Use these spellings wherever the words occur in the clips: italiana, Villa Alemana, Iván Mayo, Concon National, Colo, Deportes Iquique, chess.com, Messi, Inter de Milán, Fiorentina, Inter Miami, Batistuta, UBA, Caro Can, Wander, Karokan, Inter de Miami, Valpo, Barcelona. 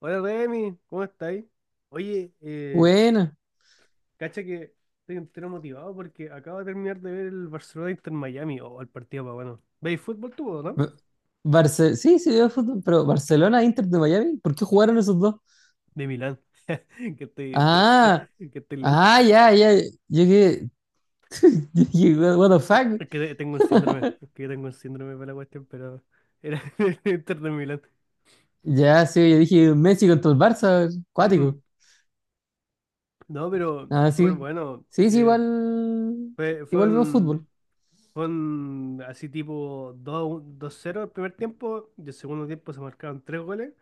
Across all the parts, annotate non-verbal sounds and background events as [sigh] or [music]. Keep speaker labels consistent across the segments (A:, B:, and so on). A: Hola Remy, ¿cómo estáis? Oye,
B: Buena.
A: cacha que estoy entero motivado porque acabo de terminar de ver el Barcelona Inter Miami o el partido para bueno. ¿Veis fútbol tú o no?
B: Ba- Barce sí, sí veo fútbol, pero Barcelona, Inter de Miami, ¿por qué jugaron esos dos?
A: De Milán, [laughs] que estoy, te- te-
B: Ah,
A: que estoy lento.
B: ah, ya. Yo que, [laughs] yo que, what what the fuck?
A: Es que tengo un síndrome para la cuestión, pero era [laughs] el Inter de Milán.
B: Ya, sí, yo dije Messi contra el Barça,
A: Mm.
B: cuático.
A: No, pero
B: Ah,
A: súper
B: sí.
A: bueno,
B: Sí, sí,
A: sí.
B: igual,
A: Fue, fue
B: igual veo
A: un,
B: fútbol.
A: fue un así tipo 2-1, 2-0 el primer tiempo, y el segundo tiempo se marcaron tres goles,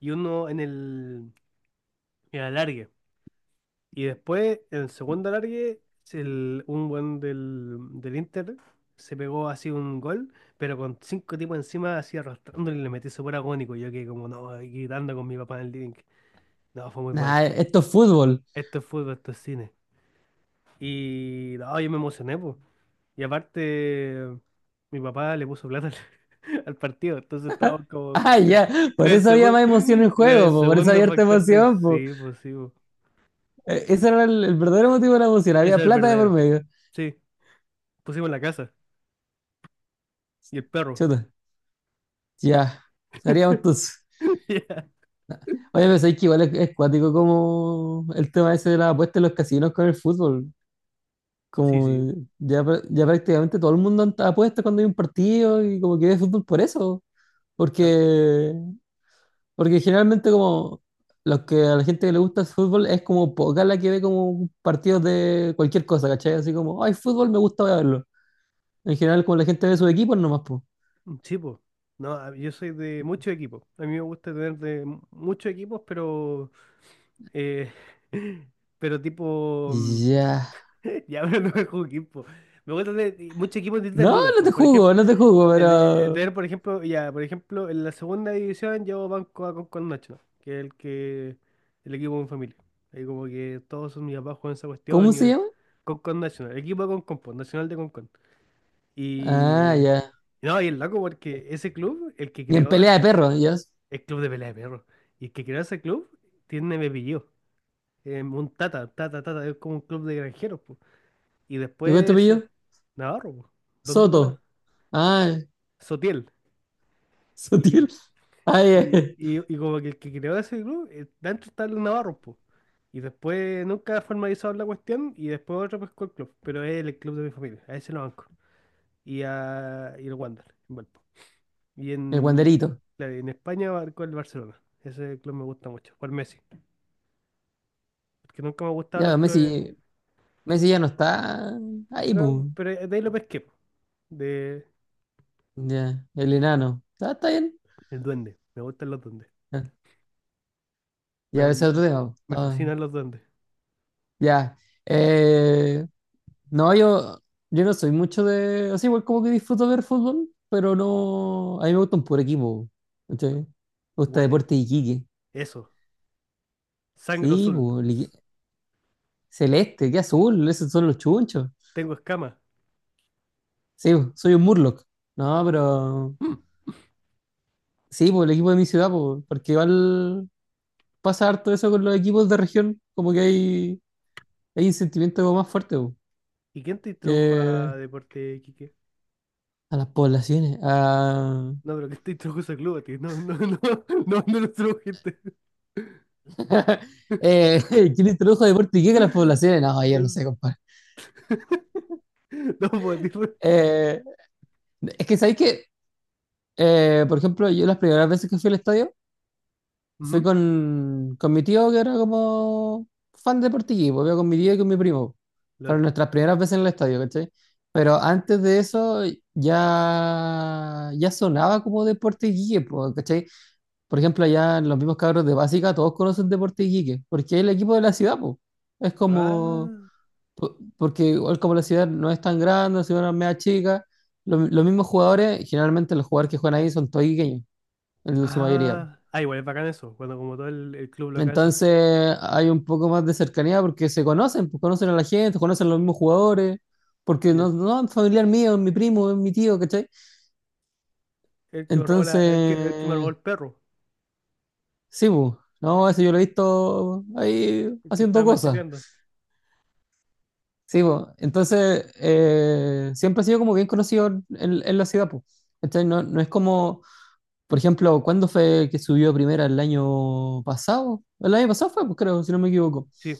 A: y uno en el alargue. Y después, en el segundo alargue, un buen del Inter se pegó así un gol, pero con cinco tipos encima, así arrastrándole, y le metí súper agónico. Yo que como, no, aquí gritando con mi papá en el living. No, fue muy bueno.
B: Nah, esto es fútbol. [laughs]
A: Esto es fútbol, esto es cine. Y no, yo me emocioné, pues. Y aparte, mi papá le puso plata al, [laughs] al partido, entonces estábamos como
B: Ah, ya,
A: con
B: por
A: el
B: eso había
A: segun-
B: más emoción en
A: con
B: juego,
A: el
B: po, por eso
A: segundo
B: había harta
A: factor de
B: emoción, po.
A: sí, pues sí, pues.
B: Ese era el verdadero motivo de la emoción,
A: Ese
B: había
A: es el
B: plata de por
A: verdadero.
B: medio.
A: Sí, pusimos la casa y el perro.
B: Chuta, ya, estaríamos
A: [laughs]
B: todos.
A: Ya.
B: Oye, pero sabéis que igual es cuático como el tema ese de la apuesta en los casinos con el fútbol.
A: Sí, sí.
B: Como ya, ya prácticamente todo el mundo apuesta cuando hay un partido y como que ve fútbol por eso.
A: Ah.
B: Porque, porque generalmente como los que a la gente que le gusta el fútbol es como poca la que ve como partidos de cualquier cosa, ¿cachai? Así como, ay, fútbol me gusta voy a verlo. En general como la gente ve sus equipos nomás, pues.
A: Sí, po. No, yo soy de muchos equipos. A mí me gusta tener de muchos equipos, pero eh, [laughs] pero tipo
B: Ya.
A: [laughs] ya, pero no es un equipo. Me gusta de muchos equipos de distintas
B: No,
A: ligas.
B: no
A: Pues,
B: te
A: por
B: jugo,
A: ejemplo,
B: no te jugo, pero...
A: tener, por ejemplo, ya, por ejemplo, en la segunda división yo banco a con Nacho, que es el que el equipo de mi familia. Ahí como que todos mis papás juegan esa
B: ¿Cómo
A: cuestión
B: se
A: y
B: llama?
A: Concon National, el equipo de Concon, pues, Nacional de Concon.
B: Ah,
A: Y
B: ya.
A: no, y el loco porque ese club, el que
B: Y en
A: creó
B: pelea de
A: ese,
B: perros, ya.
A: el club de pelea de perro. Y el que creó ese club tiene mi apellido. Un tata, tata, tata, es como un club de granjeros, pues. Y
B: ¿Y cuál es tu
A: después
B: apellido?
A: Navarro, po. ¿Dónde iba
B: Soto.
A: Navarro?
B: Ah,
A: Sotiel.
B: [laughs] Sotil.
A: Y,
B: Ah, ya, ya.
A: y como que el que creó ese club, dentro está el Navarro, po. Y después nunca formalizaron la cuestión, y después otro pescó el club, pero es el club de mi familia, a ese lo banco. Y el Wander, en Valpo. Y
B: El
A: en,
B: guanderito.
A: claro, y en España con el Barcelona. Ese club me gusta mucho, por Messi, porque nunca me han gustado los
B: Ya, Messi,
A: clubes,
B: Messi ya no está ahí,
A: pero,
B: pum.
A: pero de ahí lo pesqué, po, de
B: Ya, el enano. Ah, está bien.
A: el duende, me gustan los duendes,
B: Ya,
A: me,
B: ya, ese es otro tema, po.
A: me
B: Ah,
A: fascinan los duendes.
B: ya. Eh, no, yo no soy mucho de. Así igual como que disfruto ver fútbol, pero no. A mí me gusta un puro equipo, po, ¿cachai? Me gusta
A: Huele.
B: Deportes Iquique.
A: Eso. Sangre
B: Sí,
A: azul.
B: pues. Celeste, qué azul, esos son los chunchos.
A: Tengo escamas.
B: Sí, bu, soy un Murloc. No, pero
A: Mm.
B: sí, por el equipo de mi ciudad, po, porque igual pasa harto eso con los equipos de región, como que hay un sentimiento como más fuerte bu,
A: ¿Y quién te introdujo
B: que
A: a deporte, Quique?
B: a las poblaciones. A...
A: No, pero ¿quién te introdujo a club a ti? No, no, no. [laughs] No, no lo introdujiste.
B: [laughs] eh, [laughs] ¿quién introdujo deporte y qué que las
A: [laughs]
B: poblaciones? No, yo no
A: No,
B: sé, compadre.
A: no podés. Ujú.
B: Eh, es que sabéis que, por ejemplo, yo las primeras veces que fui al estadio, fui con mi tío, que era como fan de Portiquí, pues iba con mi tío y con mi primo. Fueron
A: Lore.
B: nuestras primeras veces en el estadio, ¿cachai? Pero antes de eso ya sonaba como Deporte Iquique, pues, ¿cachai? Por ejemplo, allá en los mismos cabros de básica todos conocen Deporte Iquique, porque es el equipo de la ciudad, pues. Es como,
A: Ah.
B: porque igual como la ciudad no es tan grande, la ciudad no es media chica, los mismos jugadores, generalmente los jugadores que juegan ahí son todos iquiqueños, en su mayoría.
A: Ah. Ah, igual es bacán eso, cuando como todo el club local son puros.
B: Entonces hay un poco más de cercanía porque se conocen, pues conocen a la gente, conocen a los mismos jugadores, porque no,
A: Ya.
B: no es familiar mío, es mi primo, es mi tío, ¿cachai?
A: El que me robó el que me robó
B: Entonces,
A: el perro.
B: sí, pues, no, eso yo lo he visto ahí
A: El que
B: haciendo
A: estaba
B: cosas,
A: macheteando.
B: sí, pues. Entonces, siempre ha sido como bien conocido en la ciudad, pues. ¿Cachai? No, no es como, por ejemplo, ¿cuándo fue que subió a primera el año pasado? El año pasado fue, pues creo, si no me equivoco.
A: Sí.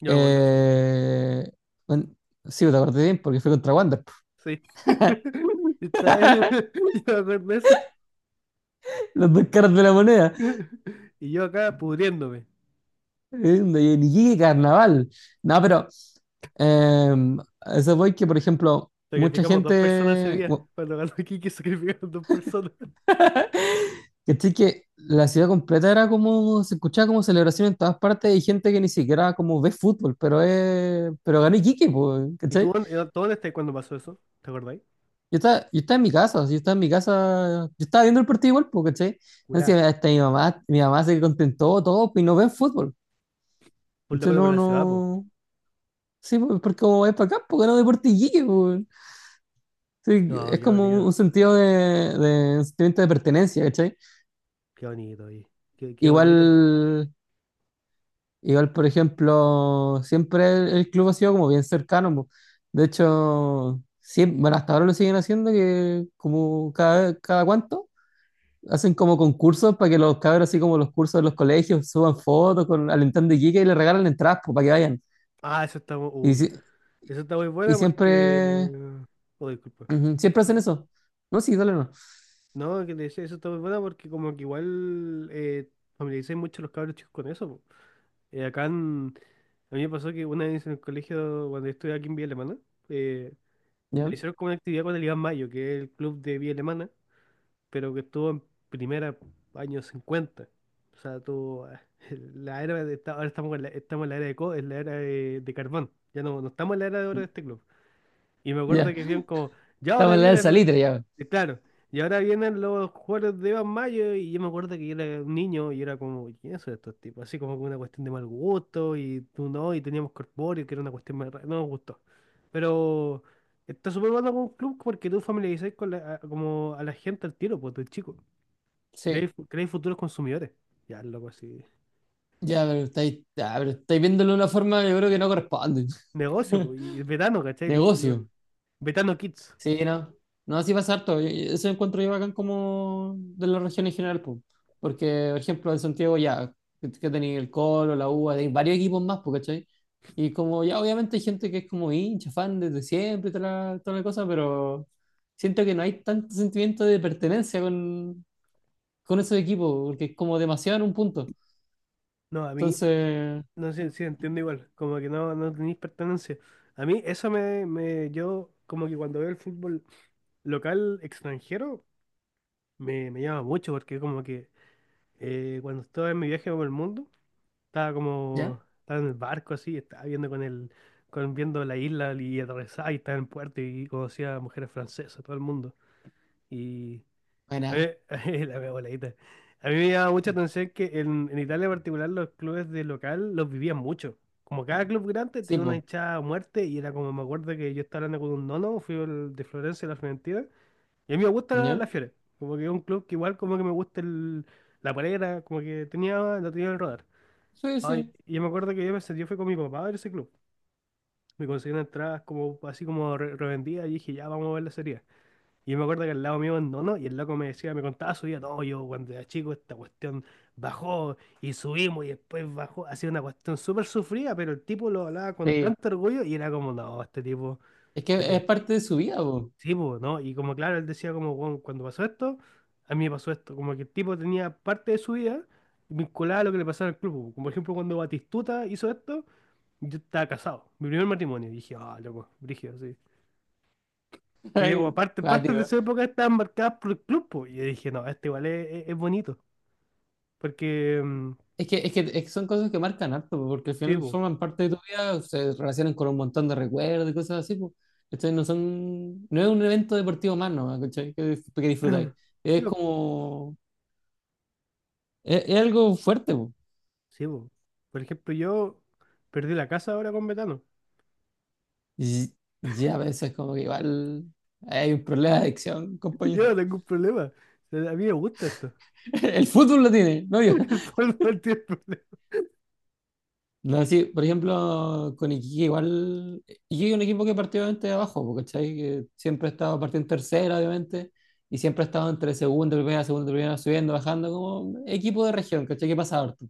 A: Yo me acuerdo de eso.
B: Eh, un- sí, te acordé bien porque fue contra Wander.
A: Sí.
B: [laughs]
A: [laughs] [laughs] Yo me acuerdo de eso.
B: Los dos caras de la moneda.
A: [laughs] Y yo acá pudriéndome.
B: Eh, de Iquique, carnaval. No, pero eh, a eso voy que, por ejemplo, mucha
A: Sacrificamos dos personas ese
B: gente,
A: día.
B: bu-
A: Cuando ganó Kiki, [laughs] sacrificaron dos personas.
B: que sí que la ciudad completa era como. Se escuchaba como celebración en todas partes y gente que ni siquiera como ve fútbol, pero es, pero ganó Iquique, pues,
A: ¿Y tú,
B: ¿cachai?
A: tú dónde estás cuando pasó eso? ¿Te acordáis?
B: Yo estaba en mi casa, yo estaba en mi casa. Yo estaba viendo el partido igual, pues, ¿cachai? Entonces,
A: Curá.
B: hasta mi mamá se contentó todo, pues, y no ven fútbol.
A: Full de
B: Entonces
A: acuerdo por
B: no,
A: la ciudad, po.
B: no. Sí, pues, porque como es para acá, porque no Deporte Iquique, pues. Sí,
A: No,
B: es
A: qué
B: como
A: bonito.
B: un sentido de sentimiento de pertenencia, ¿cachai?
A: Qué bonito, oye. Qué, qué
B: Igual,
A: bonito.
B: igual, por ejemplo, siempre el club ha sido como bien cercano, pues. De hecho, sí, bueno, hasta ahora lo siguen haciendo, que como cada, cada cuánto, hacen como concursos para que los cabros, así como los cursos de los colegios, suban fotos con alentando Iquique y le regalan entradas, pues, para que vayan.
A: Ah, eso está muy.
B: Y,
A: uy, eso está muy
B: y
A: buena porque.
B: siempre,
A: Oh, disculpa.
B: ujú, siempre hacen eso. No, sí, dale, no.
A: No, que te decía, eso está muy buena porque, como que igual familiaricé mucho los cabros chicos con eso, po. Eh, acá en- A mí me pasó que una vez en el colegio, cuando estuve aquí en Villa Alemana, eh, lo
B: Ya,
A: hicieron como una actividad con el Iván Mayo, que es el club de vía alemana, pero que estuvo en primera años 50. O sea, tuvo ah, [laughs] la era de ahora estamos en la era es la era de carbón. Ya no, no estamos en la era de oro de este club. Y me acuerdo
B: ya.
A: que decían como, ya
B: Estamos
A: ahora
B: en la del
A: viene el...
B: salitre, ya.
A: Y claro, y ahora vienen los juegos de Iván Mayo, y yo me acuerdo que yo era un niño y era como, ¿quiénes son estos tipos? Así como que una cuestión de mal gusto, y tú no, y teníamos corpóreo, que era una cuestión más rara, no nos gustó. Pero está súper bueno con un club porque tú familiarizas con como a la gente al tiro, pues, de chico. Creáis
B: Sí,
A: creáis futuros consumidores. Ya, loco, así.
B: ya, pero estáis viéndolo de una forma, yo creo que no corresponde.
A: Negocio,
B: [laughs]
A: pues, y el vetano, ¿cachai?
B: Negocio.
A: Vetano Kids.
B: Sí, no. No, así pasa harto. Y- eso encuentro yo bacán como de la región en general, po. Porque, por ejemplo, en Santiago, ya, que tenéis el Colo, la UBA, tenéis varios equipos más, po, ¿cachai? Y como, ya, obviamente hay gente que es como hincha, fan desde siempre, y toda la cosa, pero siento que no hay tanto sentimiento de pertenencia con esos equipos, porque es como demasiado en un punto.
A: No, a mí,
B: Entonces,
A: no sé si entiendo igual, como que no, tenéis pertenencia. A mí eso yo como que cuando veo el fútbol local extranjero me, me llama mucho porque como que cuando estaba en mi viaje por el mundo, estaba
B: ¿ya?
A: como, estaba en el barco así, estaba viendo con el, con viendo la isla, y atravesaba y estaba en puerto y conocía a mujeres francesas, todo el mundo. Y a
B: Bueno,
A: mí- [laughs] la wea voladita. A mí me llamaba mucha atención que en Italia en particular los clubes de local los vivían mucho. Como cada club grande
B: sí,
A: tenía una
B: pues,
A: hinchada a muerte, y era como me acuerdo que yo estaba hablando con un nono, fui al de Florencia, la Fiorentina, y a mí me gusta la,
B: ¿ya?
A: la Fiore. Como que es un club que igual como que me gusta el, la polera, como que tenía, lo tenía en el radar.
B: Sí,
A: Ay,
B: sí.
A: y yo me acuerdo que yo, yo fui con mi papá a ver ese club. Me conseguí una entrada como, así como revendida, y dije, ya vamos a ver la serie. Y yo me acuerdo que al lado mío abandonó, y el loco me decía, me contaba su vida, no, yo cuando era chico esta cuestión bajó y subimos y después bajó, hacía una cuestión súper sufrida, pero el tipo lo hablaba con
B: Sí.
A: tanto orgullo, y era como, no, este tipo,
B: Es
A: este
B: que
A: tipo,
B: es parte de su vida, po.
A: sí, pues, ¿no? Y como claro, él decía como, "Bueno, cuando pasó esto, a mí me pasó esto", como que el tipo tenía parte de su vida vinculada a lo que le pasaba al club, como por ejemplo cuando Batistuta hizo esto, yo estaba casado, mi primer matrimonio, y dije, ah, loco, brígido, sí.
B: [laughs]
A: Te digo,
B: Ay,
A: aparte, partes de
B: cuático.
A: su época estaban marcadas por el club, po. Y yo dije, no, este igual es bonito. Porque,
B: Es que, es que, es que son cosas que marcan harto, po, porque al
A: sí,
B: final
A: po.
B: forman parte de tu vida, se relacionan con un montón de recuerdos y cosas así, pues. No son, no es un evento deportivo más, ¿no? ¿Cachai? Que, que disfrutáis.
A: [clears throat] Sí,
B: Es
A: po.
B: como, es algo fuerte, pues.
A: Sí, po. Por ejemplo, yo perdí la casa ahora con metano.
B: Y, y a veces como que igual hay un problema de adicción, compañero.
A: Yo no tengo un problema. O sea, a mí me gusta esto.
B: [laughs] El fútbol lo tiene, no yo.
A: [laughs] El fútbol no tiene problema.
B: No, sí, por ejemplo, con Iquique igual. Iquique es un equipo que partió obviamente de abajo, porque ¿cachai? Que siempre ha estado partiendo en tercera, obviamente, y siempre ha estado entre segunda, y primera, subiendo, bajando, como equipo de región, ¿cachai? Que pasa harto.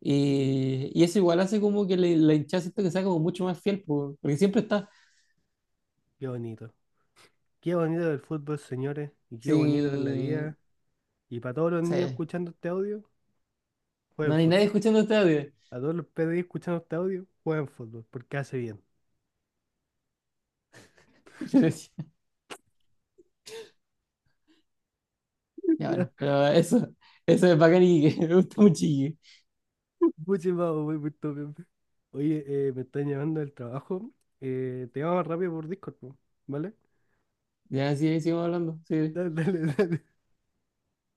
B: Y eso igual hace como que la hinchada siento que sea como mucho más fiel, po, porque siempre está
A: Qué bonito. Qué bonito el fútbol, señores. Y qué bonito es la
B: sí.
A: vida. Y para todos los
B: Sí,
A: niños escuchando este audio,
B: no
A: jueguen
B: hay nadie
A: fútbol.
B: escuchando este audio.
A: A todos los PDI escuchando este audio, jueguen fútbol. Porque hace bien.
B: [laughs] Yo decía,
A: [laughs]
B: ya
A: Ya,
B: bueno, pero eso es bacán y que [laughs] me gusta mucho Iquique.
A: muchísimas gracias. Oye, me están llamando del trabajo. Te llamo más rápido por Discord, po, ¿vale?
B: Ya, sí, ahí seguimos hablando, sí.
A: Dale, dale, [laughs] dale.